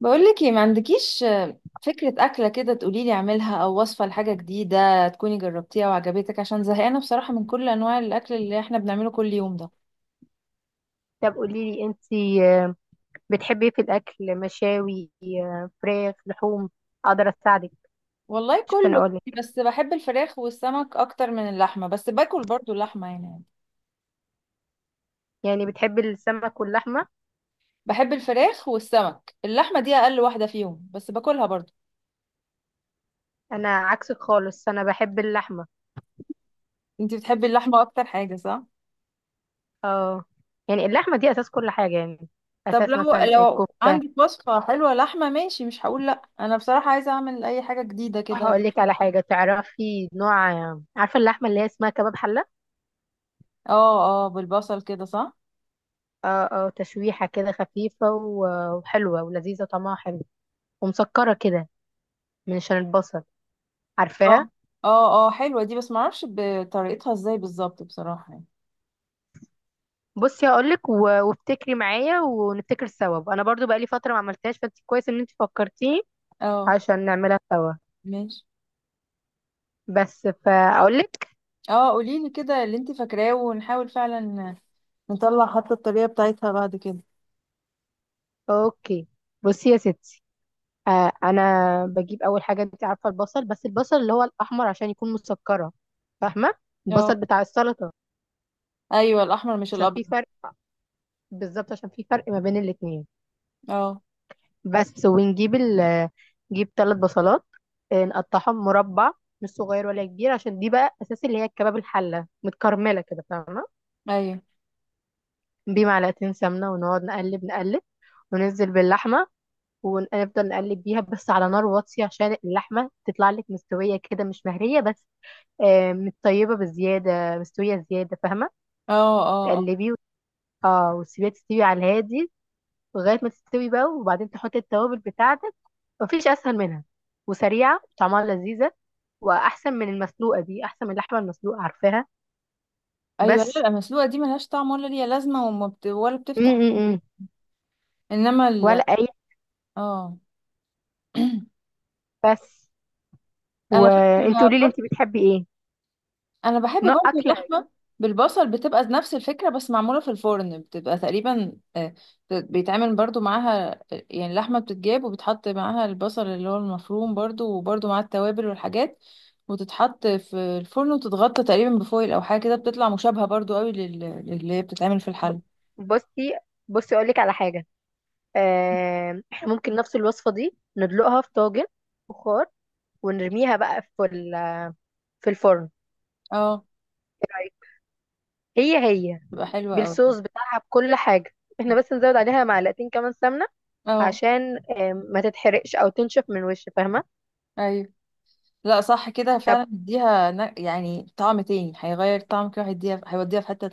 بقولك ايه، ما عندكيش فكرة أكلة كده تقوليلي اعملها، أو وصفة لحاجة جديدة تكوني جربتيها وعجبتك؟ عشان زهقانة بصراحة من كل أنواع الأكل اللي احنا بنعمله كل يوم ده. طب قولي لي انت، بتحبي ايه في الاكل؟ مشاوي، فراخ، لحوم؟ اقدر اساعدك والله عشان كله، اقول لك. بس بحب الفراخ والسمك أكتر من اللحمة، بس باكل برضو اللحمة يعني بتحبي السمك واللحمه. بحب الفراخ والسمك. اللحمة دي أقل واحدة فيهم، بس باكلها برضو. انا عكسك خالص، انا بحب اللحمه. انتي بتحبي اللحمة أكتر حاجة صح؟ اه، يعني اللحمه دي اساس كل حاجه، يعني طب اساس لو مثلا لو الكفته. عندك وصفة حلوة لحمة ماشي، مش هقول لأ، أنا بصراحة عايزة أعمل أي حاجة جديدة كده. هقول لك على حاجه تعرفي نوع. عارفه اللحمه اللي هي اسمها كباب حله؟ اه اه، بالبصل كده صح؟ اه اه، تشويحه كده خفيفه وحلوه ولذيذه، طعمها حلو، ومسكره كده من عشان البصل. اه عارفاها؟ اه، اه حلوة دي، بس معرفش بطريقتها ازاي بالظبط بصراحة بصي، هقولك وافتكري معايا ونفتكر سوا. انا برضو بقالي فتره ما عملتهاش، فانت كويس ان انت فكرتيني اه عشان نعملها سوا. ماشي. بس فاقولك. اه قوليلي كده اللي انت فاكراه، ونحاول فعلا نطلع حتى الطريقة بتاعتها بعد كده. اوكي، بصي يا ستي. انا بجيب اول حاجه. انت عارفه البصل، بس البصل اللي هو الاحمر عشان يكون مسكره، فاهمه؟ اه، البصل بتاع السلطه، ايوه الاحمر مش عشان الابيض. في فرق. بالظبط، عشان في فرق ما بين الاتنين. اه، بس ونجيب نجيب ثلاث بصلات. نقطعهم مربع، مش صغير ولا كبير، عشان دي بقى اساس اللي هي الكباب الحله متكرمله كده، فاهمه؟ ايوه. بمعلقتين سمنه، ونقعد نقلب نقلب، وننزل باللحمه، ونفضل نقلب بيها بس على نار واطيه، عشان اللحمه تطلع لك مستويه كده، مش مهريه بس. متطيبه بزياده، مستويه زياده، فاهمه؟ اه اه. اه، تقلبيه وت- اه وتسيبيها تستوي على الهادي لغاية ما تستوي بقى، وبعدين تحط التوابل بتاعتك. مفيش أسهل منها، وسريعة طعمها لذيذة، وأحسن من المسلوقة، دي أحسن من اللحمة المسلوقة، عارفاها؟ ايوه. بس. لا المسلوقة دي ملهاش طعم ولا ليها لازمة، وما بت... ولا م بتفتح. -م -م. انما ال ولا أي اه بس. انا فاكرة وانت قولي لي انت، برضه، بتحبي ايه انا بحب نوع برضو أكلة؟ اللحمه بالبصل، بتبقى نفس الفكره بس معموله في الفرن. بتبقى تقريبا، بيتعمل برضو معاها. يعني اللحمه بتتجاب، وبتحط معاها البصل اللي هو المفروم برضو، وبرضو مع التوابل والحاجات، وتتحط في الفرن وتتغطى تقريبا بفويل او حاجه كده. بتطلع مشابهه برضو قوي للي هي بتتعمل في ب- الحل. بصي بصي أقول لك على حاجة. احنا ممكن نفس الوصفة دي ندلقها في طاجن بخار، ونرميها بقى في الفرن. اه، إيه رأيك؟ هي هي، بتبقى حلوه قوي. بالصوص بتاعها، بكل حاجة. احنا بس نزود عليها معلقتين كمان سمنة اه عشان ما تتحرقش او تنشف من وش، فاهمه؟ ايوه، لا صح كده طب فعلا، بيديها يعني طعم تاني، هيغير طعم كده، هيديها هيوديها في حته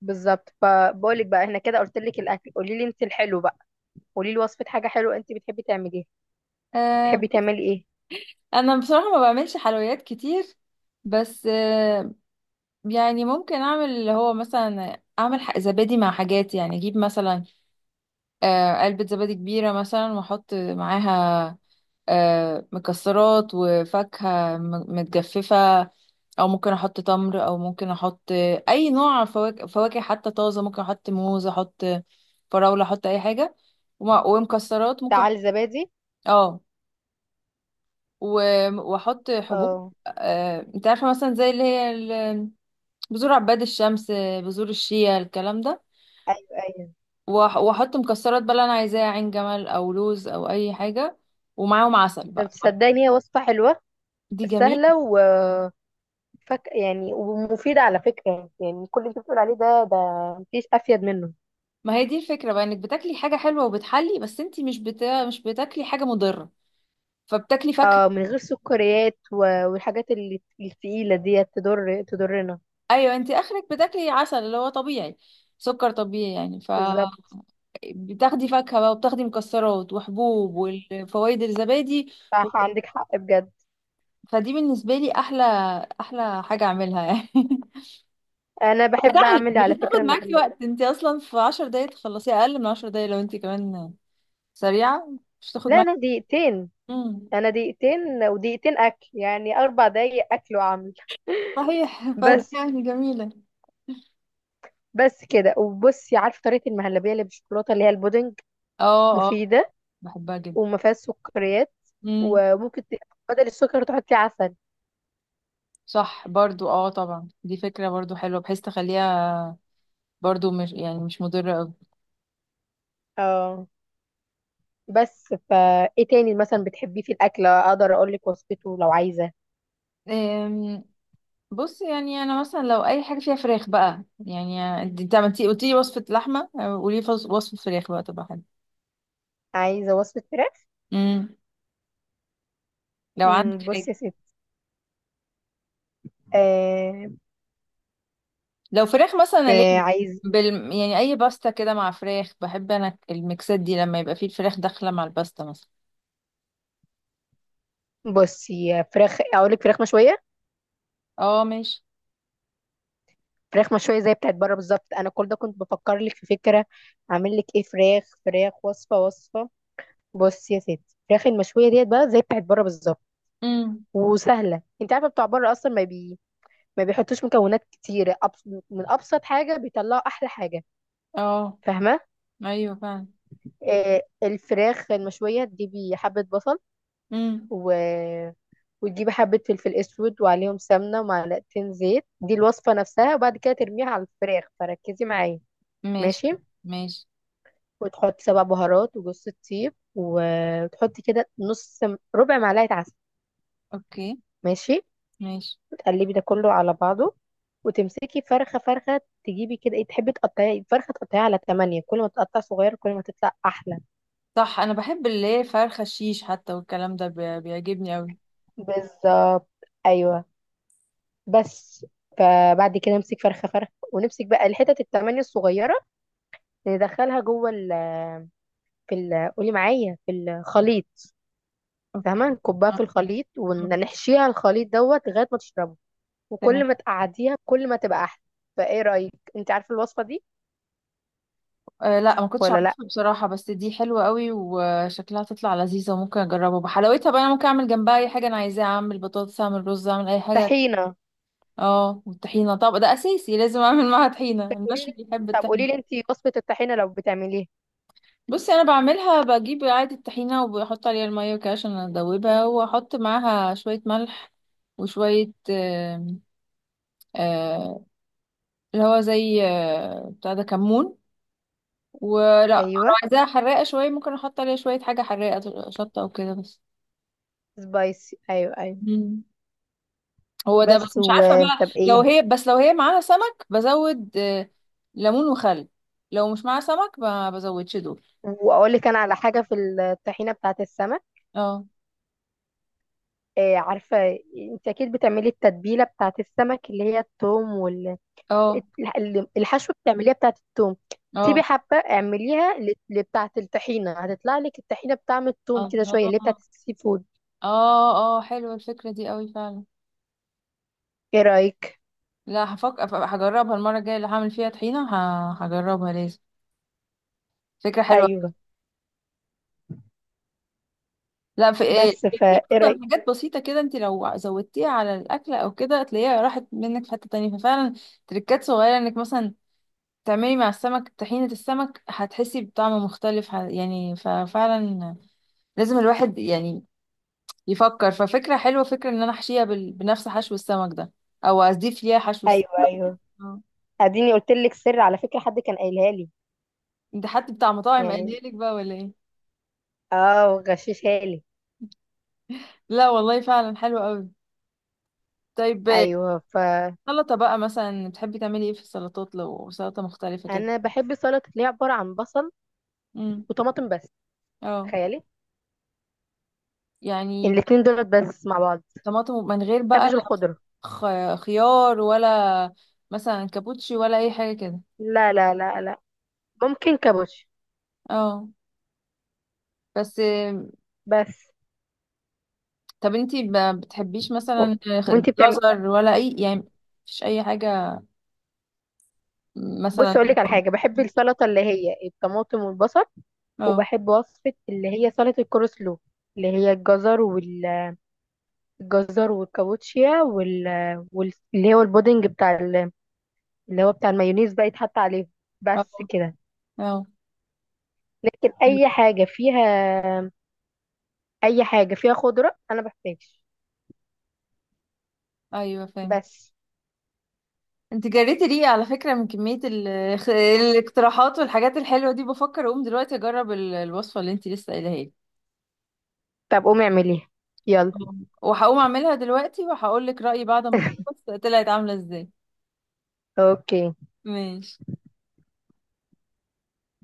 بالظبط. فبقولك بقى، احنا كده قلت لك الاكل، قولي لي انت الحلو بقى. قولي لي وصفه حاجه حلوه انت بتحبي تعمليها. بتحبي تانية. تعملي ايه؟ انا بصراحة ما بعملش حلويات كتير، بس يعني ممكن اعمل اللي هو مثلا اعمل زبادي مع حاجات، يعني اجيب مثلا علبة زبادي كبيرة مثلا، واحط معاها مكسرات وفاكهة متجففة، او ممكن احط تمر، او ممكن احط اي نوع فواكه، فواكه حتى طازة، ممكن احط موز، احط فراولة، احط اي حاجة. ومكسرات ممكن تعال زبادي. اه، واحط حبوب. اه. انت عارفه مثلا زي اللي هي بذور عباد الشمس، بذور الشيا، الكلام ده. ايوه، ايوه. واحط مكسرات بقى اللي انا عايزاها، عين جمل او لوز او اي حاجه، ومعاهم عسل طب بقى. تصدقني، هي وصفه حلوه، دي جميل. سهله، وفك يعني ومفيده على فكره، يعني كل اللي انت بتقول عليه ده مفيش افيد منه. ما هي دي الفكره بقى، انك بتاكلي حاجه حلوه وبتحلي، بس انت مش بتا... مش بتاكلي حاجه مضره، فبتاكلي فاكهه. اه، من غير سكريات والحاجات اللي التقيله ديت تضرنا. ايوه، انت اخرك بتاكلي عسل اللي هو طبيعي، سكر طبيعي يعني. بالظبط. فبتاخدي فاكهه بقى، وبتاخدي مكسرات وحبوب، والفوائد الزبادي. صح، عندك حق بجد. فدي بالنسبة لي أحلى أحلى حاجة أعملها يعني. انا بحب سهل، اعمل مش على هتاخد فكره معاكي المحلات. وقت، انت أصلا في 10 دقايق تخلصيها، أقل من 10 دقايق لو انت كمان سريعة. مش هتاخد لا، معاكي. امم، انا دقيقتين ودقيقتين اكل، يعني 4 دقايق اكل واعمل. صحيح. فدي بس. يعني جميلة. كده. وبصي، عارفه طريقه المهلبيه اللي بالشوكولاته، اللي هي البودنج؟ اه اه، مفيده، بحبها جدا. وما فيهاش سكريات، امم. وممكن بدل السكر تحطي عسل. صح برضو، اه طبعا دي فكرة برضو حلوة، بحيث تخليها برضو مش يعني مش مضرة أوي. اه. بس فا ايه تاني مثلا بتحبيه في الاكل اقدر اقول لك وصفته لو عايزه. أم، بص يعني انا مثلا لو اي حاجه فيها فراخ بقى، يعني انت عملتي قلتي لي وصفه لحمه، قولي لي وصفه فراخ بقى تبقى عايزه وصفه فراخ. حلوه لو عندك حاجة. بصي يا ستي. آه لو فراخ مثلا أنا ليه عايز. بال... يعني أي باستا كده مع فراخ، بحب أنا الميكسات دي لما يبقى فيه الفراخ داخلة مع الباستا مثلا. بصي فراخ، اقول لك فراخ مشويه. اه ماشي. فراخ مشوية زي بتاعت بره بالظبط. انا كل ده كنت بفكر لك في فكرة، اعمل لك ايه. فراخ وصفة. بص يا ستي، الفراخ المشوية ديت بقى زي بتاعت بره بالظبط، امم. وسهلة. انت عارفة بتوع بره اصلا ما بيحطوش مكونات كتير. من ابسط حاجة بيطلعوا احلى حاجة، اه. فاهمة؟ أيوه فعلا. الفراخ المشوية، تجيبي حبة بصل امم. و... وتجيبي حبة فلفل اسود، وعليهم سمنة ومعلقتين زيت. دي الوصفة نفسها. وبعد كده ترميها على الفراخ، فركزي معايا. ماشي ماشي. ماشي. وتحط سبع بهارات وجوز الطيب، وتحطي كده ربع معلقة عسل. اوكي. ماشي. ماشي. وتقلبي ده كله على بعضه، وتمسكي فرخة فرخة، تجيبي كده ايه تحبي تقطعي فرخة، تقطعيها على تمانية. كل ما تقطع صغير كل ما تطلع أحلى. صح، أنا بحب اللي هي فرخة الشيش حتى، والكلام ده بيعجبني أوي. بالظبط. أيوه. بس. فبعد كده امسك فرخة فرخة ونمسك بقى الحتت التمانية الصغيرة، ندخلها جوه ال في ال قولي معايا، في الخليط، اوكي. فاهمة؟ نكبها آه، في الخليط، آه، ونحشيها الخليط دوت لغاية ما تشربه. وكل تمام. ما تقعديها كل ما تبقى احلى. فايه رايك؟ انت عارفه الوصفه دي؟ أه لا، ما كنتش ولا لا. عارفها بصراحة، بس دي حلوة قوي وشكلها تطلع لذيذة، وممكن أجربها. بحلاوتها بقى أنا ممكن أعمل جنبها أي حاجة أنا عايزاها، أعمل بطاطس، أعمل رز، أعمل أي حاجة. طحينه. اه والطحينة. طب ده أساسي، لازم أعمل معاها طحينة، طب قولي لي المشوي بيحب طب قولي الطحينة. لي انت وصفه الطحينه لو بتعمليها. بصي أنا بعملها، بجيب عادي الطحينة وبحط عليها المية وكده عشان أدوبها، وأحط معاها شوية ملح، وشوية آم، آه، اللي هو زي بتاع ده كمون. ولا لو ايوه. عايزاها حراقة شوية، ممكن أحط عليها شوية حاجة حراقة، شطة أو كده بس. سبايسي، ايوه، ايوه. مم. هو ده بس بس، مش و. عارفة بقى طب لو ايه. هي، بس لو هي معاها سمك بزود ليمون وخل، لو مش معاها سمك ما بزودش دول. واقول لك انا على حاجه في الطحينه بتاعه السمك، اه. إيه، عارفه؟ انت اكيد بتعملي التتبيله بتاعه السمك اللي هي الثوم، اه الحشوه بتعمليها بتاعه الثوم. سيبي اه. حبه اعمليها لبتاعه الطحينه، هتطلع لك الطحينه بطعم الثوم كده الله، شويه، اللي هي بتاعه السي فود. اه اه، حلوة الفكرة دي قوي فعلا. ايه رايك؟ لا هفكر، هجربها المرة الجاية اللي هعمل فيها طحينة، هجربها لازم، فكرة حلوة. ايوه. لا في إيه، بس في فا ايه اصلا حاجات بسيطة كده انت لو زودتيها على الأكلة او كده، تلاقيها راحت منك في حتة تانية. ففعلا تريكات صغيرة، انك مثلا تعملي مع السمك طحينة السمك، هتحسي بطعم مختلف يعني. ففعلا لازم الواحد يعني يفكر. ففكرة حلوة، فكرة ان انا احشيها بنفس حشو السمك ده، او اضيف ليها حشو ايوه، السمك. ايوه. اديني قلت لك سر على فكره، حد كان قايلها لي. ده حد بتاع مطاعم يعني قايلها لك بقى ولا ايه؟ اه، وغششها لي. لا والله فعلا حلو قوي. طيب، ايوه فانا سلطة بقى مثلا بتحبي تعملي ايه في السلطات لو سلطة مختلفة كده؟ بحب السلطه اللي هي عباره عن بصل امم. وطماطم بس، اه تخيلي. يعني، الاتنين دولت بس مع بعض. طماطم من غير بقى، بحبش لا الخضره. خيار ولا مثلا كابوتشي ولا اي حاجة كده؟ لا، لا، لا، لا. ممكن كابوتش. اه بس بس طب انتي ما بتحبيش و... مثلا وانتي بتعمل. جزر ولا اي يعني، مفيش اي حاجة بص، مثلا؟ اقول لك على حاجه، بحب السلطه اللي هي الطماطم والبصل، اه. وبحب وصفه اللي هي سلطه الكول سلو، اللي هي الجزر الجزر والكابوتشيا اللي هو البودنج بتاع اللي هو بتاع المايونيز بقى يتحط عليه. اه بس كده. اه. لكن اي حاجه فيها، خضره انا بحتاج. ايوه فاهم. بس. انت جريتي ريقي على فكرة من كمية الاقتراحات والحاجات الحلوة دي، بفكر اقوم دلوقتي اجرب الوصفة اللي انت لسه قايلها لي. طب قومي اعمليها، يلا. وهقوم اعملها دلوقتي، وهقول لك رأيي بعد ما اخلص طلعت عاملة ازاي. اوكي. ماشي.